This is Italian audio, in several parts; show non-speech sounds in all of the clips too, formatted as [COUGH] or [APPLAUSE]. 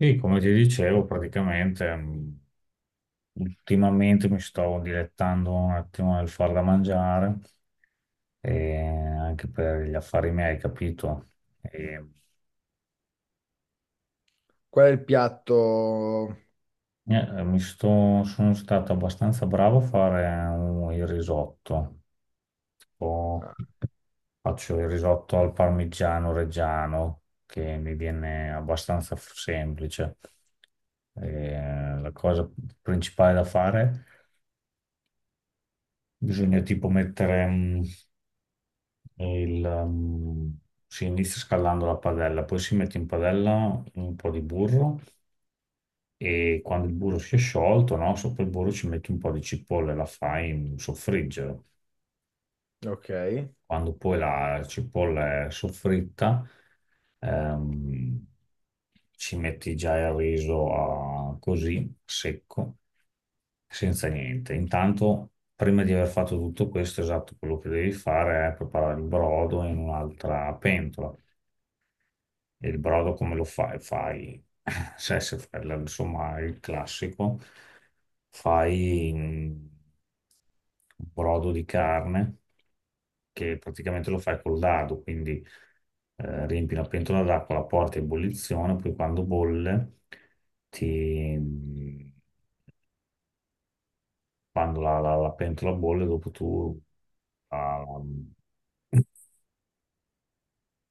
Sì, come ti dicevo, praticamente ultimamente mi sto dilettando un attimo nel far da mangiare, e anche per gli affari miei, capito? E, Qual è il piatto? Sono stato abbastanza bravo a fare il risotto. Tipo, faccio il risotto al parmigiano reggiano, che mi viene abbastanza semplice. E la cosa principale da fare, bisogna tipo mettere il... mm, si inizia scaldando la padella, poi si mette in padella un po' di burro e quando il burro si è sciolto, no, sopra il burro ci metti un po' di cipolla e la fai soffriggere. Ok. Quando poi la cipolla è soffritta, ehm, ci metti già il riso così, secco, senza niente. Intanto, prima di aver fatto tutto questo, esatto, quello che devi fare è preparare il brodo in un'altra pentola. E il brodo come lo fai? Fai, [LAUGHS] se, se fai, insomma, il classico, fai un brodo di carne che praticamente lo fai col dado, quindi riempi una pentola d'acqua, la porti a ebollizione, poi quando bolle ti mm, quando la pentola bolle, dopo tu ah,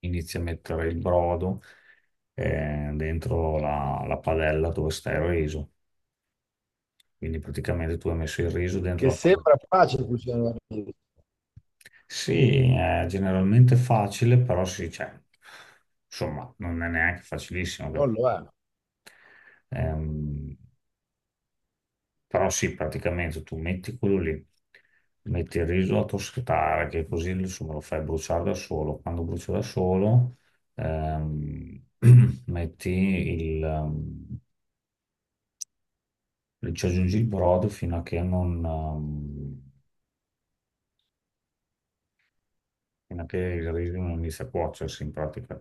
inizi a mettere il brodo, dentro la padella dove sta il riso. Quindi praticamente tu hai messo il riso dentro Che la padella. sembra facile cucinare, la pizza, Sì, è generalmente facile, però sì, cioè, insomma, non è neanche facilissimo, non capito? lo è. Ehm, Però sì, praticamente tu metti quello lì, metti il riso a toscatare, che così insomma lo fai bruciare da solo. Quando brucia da solo, ehm, [CLEARS THROAT] metti il, ci aggiungi il brodo fino a che non, fino a che il riso non inizia a cuocersi in pratica.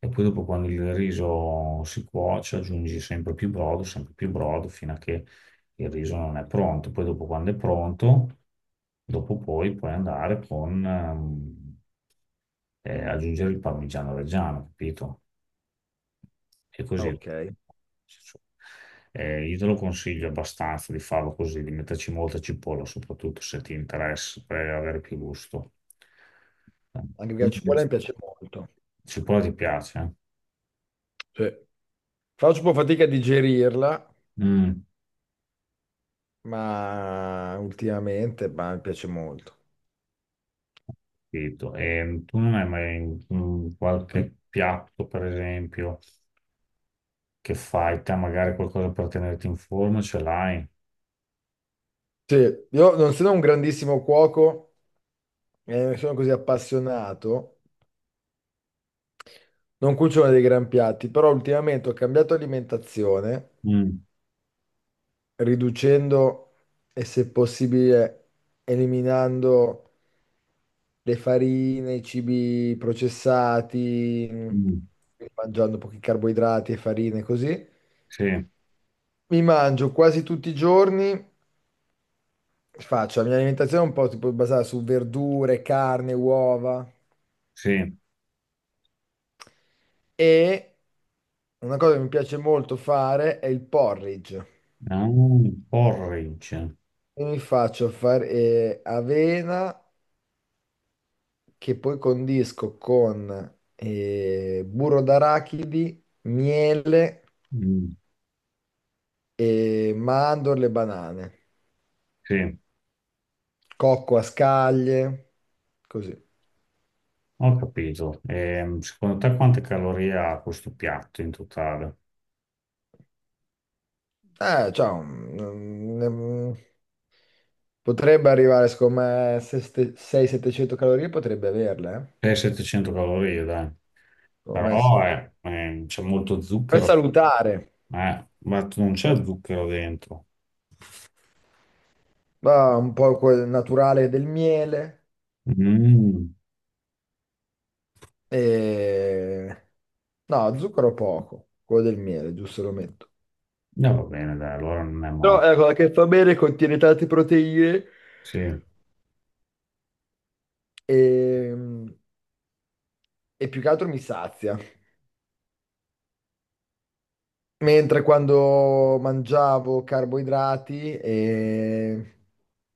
E poi dopo quando il riso si cuoce aggiungi sempre più brodo, fino a che il riso non è pronto. Poi dopo quando è pronto, dopo poi puoi andare con aggiungere il parmigiano reggiano, capito? E così. Ok. Io te lo consiglio abbastanza di farlo così, di metterci molta cipolla, soprattutto se ti interessa, per avere più gusto. Anche perché la cipolla mi piace molto. Cipolla ti piace? Eh? Sì. Faccio un po' fatica a digerirla, Mm, ma ultimamente bah, mi piace molto. capito. E tu non hai mai qualche piatto, per esempio, che fai te, magari qualcosa per tenerti in forma, ce l'hai? Sì, io non sono un grandissimo cuoco, sono così appassionato, non cucino dei gran piatti, però ultimamente ho cambiato alimentazione, Mm, riducendo e se possibile eliminando le farine, i cibi processati, mm, mangiando pochi carboidrati e farine così. sì, Mi mangio quasi tutti i giorni, faccio la mia alimentazione un po' tipo basata su verdure, carne, uova sì. e una cosa che mi piace molto fare è il porridge. Ah, porridge. E mi faccio fare avena che poi condisco con burro d'arachidi, miele Mm, e mandorle e banane. sì, Cocco a scaglie, così. ho capito. Secondo te quante calorie ha questo piatto in totale? Eh, cioè, mm, mm, Potrebbe arrivare, secondo me, 600-700 calorie, potrebbe averle, eh? 600-700 calorie, dai. Secondo me sì. Però c'è molto Per zucchero, salutare, ma non c'è zucchero dentro. va un po' quel naturale del miele Mm. e... No, zucchero poco, quello del miele, giusto lo metto. No, va bene, dai, allora non è Però male. è una cosa che fa bene, contiene tante proteine Sì, e, e più che altro mi sazia. Mentre quando mangiavo carboidrati,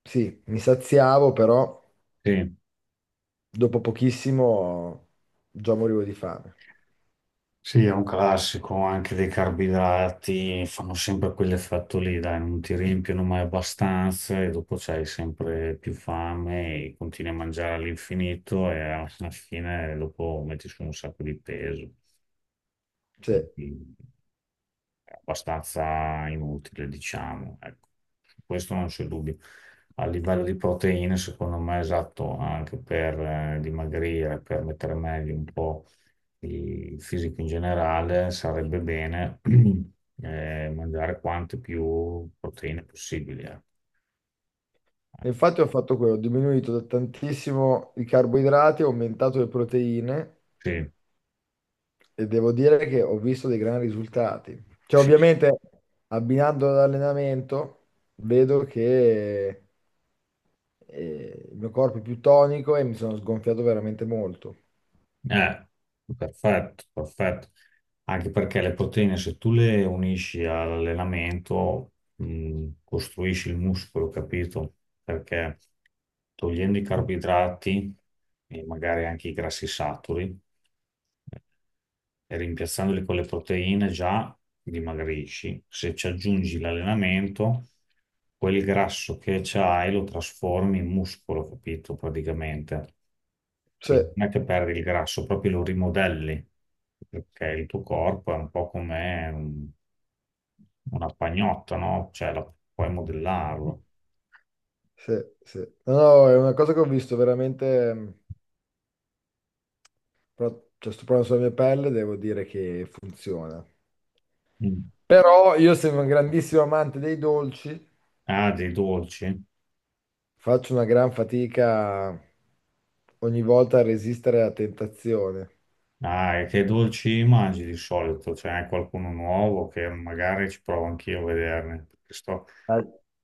sì, mi saziavo, però sì. dopo pochissimo già morivo di fame. Sì, è un classico, anche dei carboidrati fanno sempre quell'effetto lì, dai, non ti riempiono mai abbastanza e dopo c'hai sempre più fame e continui a mangiare all'infinito e alla fine dopo metti su un sacco di peso, Sì. quindi è abbastanza inutile, diciamo, ecco. Su questo non c'è dubbio. A livello di proteine, secondo me è esatto anche per dimagrire, per mettere meglio un po' di fisico in generale, sarebbe bene [CLEARS THROAT] mangiare quante più proteine possibili. Eh. E infatti ho fatto quello, ho diminuito da tantissimo i carboidrati, ho aumentato le proteine Sì, e devo dire che ho visto dei grandi risultati. Cioè, sì, sì. ovviamente abbinando all'allenamento vedo che il mio corpo è più tonico e mi sono sgonfiato veramente molto. Eh, perfetto, perfetto. Anche perché le proteine, se tu le unisci all'allenamento, costruisci il muscolo, capito? Perché togliendo i carboidrati e magari anche i grassi saturi eh, e rimpiazzandoli con le proteine già dimagrisci. Se ci aggiungi l'allenamento, quel grasso che c'hai lo trasformi in muscolo, capito? Praticamente. Sì. Quindi non è che perdi il grasso, proprio lo rimodelli, perché il tuo corpo è un po' come una pagnotta, no? Cioè, puoi modellarlo. Sì, sì. No, no, è una cosa che ho visto veramente, cioè, sto provando sulla mia pelle, devo dire che funziona. Mm. Però io sono un grandissimo amante dei dolci, Ah, dei dolci? faccio una gran fatica ogni volta a resistere alla tentazione. Ah, e che dolci mangi di solito? C'è anche qualcuno nuovo che magari ci provo anch'io a vederne. Perché La,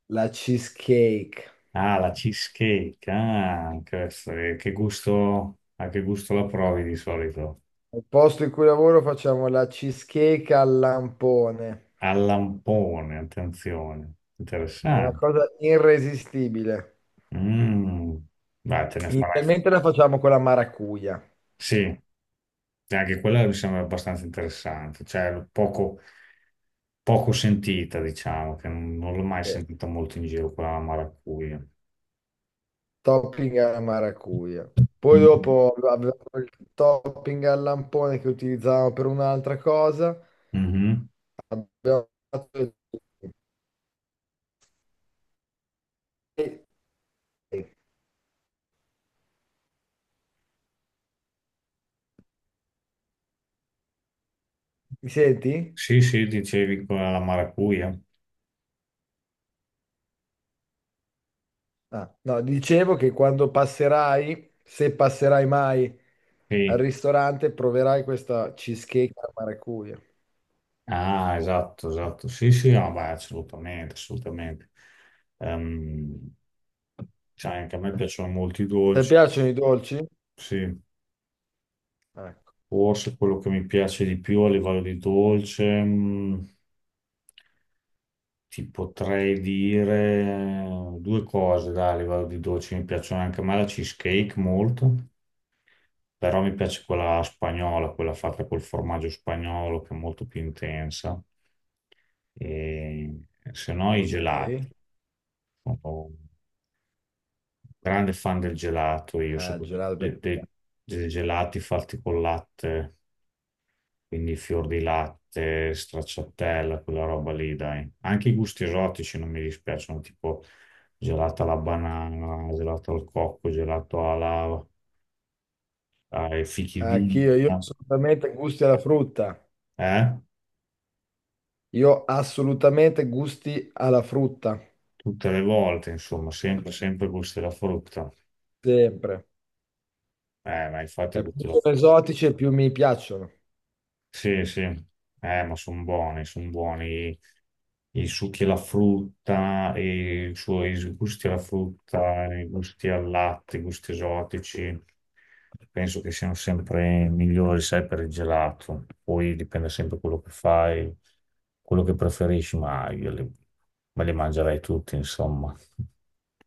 la cheesecake. ah, la cheesecake, ah, questo, che gusto, a che gusto la provi di solito? Al posto in cui lavoro facciamo la cheesecake al lampone. Al lampone, attenzione, È una interessante. cosa irresistibile. Mm. Beh, te ne farai. Inizialmente la facciamo con la maracuja. Sì, e anche quella mi sembra abbastanza interessante, cioè poco, poco sentita, diciamo, che non l'ho mai Sì. sentita molto in giro, quella alla maracuja. Topping alla maracuja. Poi Mm. dopo abbiamo il topping al lampone che utilizzavamo per un'altra cosa. Mhm. Abbiamo fatto il- Mi senti? Sì, sì, dicevi quella alla maracuja. Ah, no, dicevo che quando passerai, se passerai mai al Sì. ristorante, proverai questa cheesecake alla maracuja. Ah, esatto, esatto. Sì, sì, ah, beh, assolutamente, assolutamente. Ehm, cioè, anche a me piacciono molto i Ti dolci, piacciono i dolci? sì. Ecco, Forse quello che mi piace di più a livello di dolce, ti potrei dire 2 cose, dai, a livello di dolci, mi piacciono anche a me la cheesecake molto, però mi piace quella spagnola, quella fatta col formaggio spagnolo che è molto più intensa. E se no i gelati, ok. sono un grande fan del gelato, io Ah, soprattutto gelato per- dei gelati fatti col latte. Quindi fior di latte, stracciatella, quella roba lì, dai. Anche i gusti esotici non mi dispiacciono, tipo gelato alla banana, gelato al cocco, gelato alla, ai fichi di Anch'io, io assolutamente gusti alla frutta. eh? Io assolutamente gusti alla frutta. Tutte le volte, insomma, sempre, sempre gusti della frutta. Sempre. Ma infatti E più gusti della sono frutta. esotici e più mi piacciono. Sì, sì, ma sono buoni i succhi alla frutta, e i suoi gusti alla frutta, i gusti al latte, i gusti esotici. Penso che siano sempre migliori, sai, per il gelato. Poi dipende sempre quello che fai, quello che preferisci, ma io me li mangerei tutti, insomma.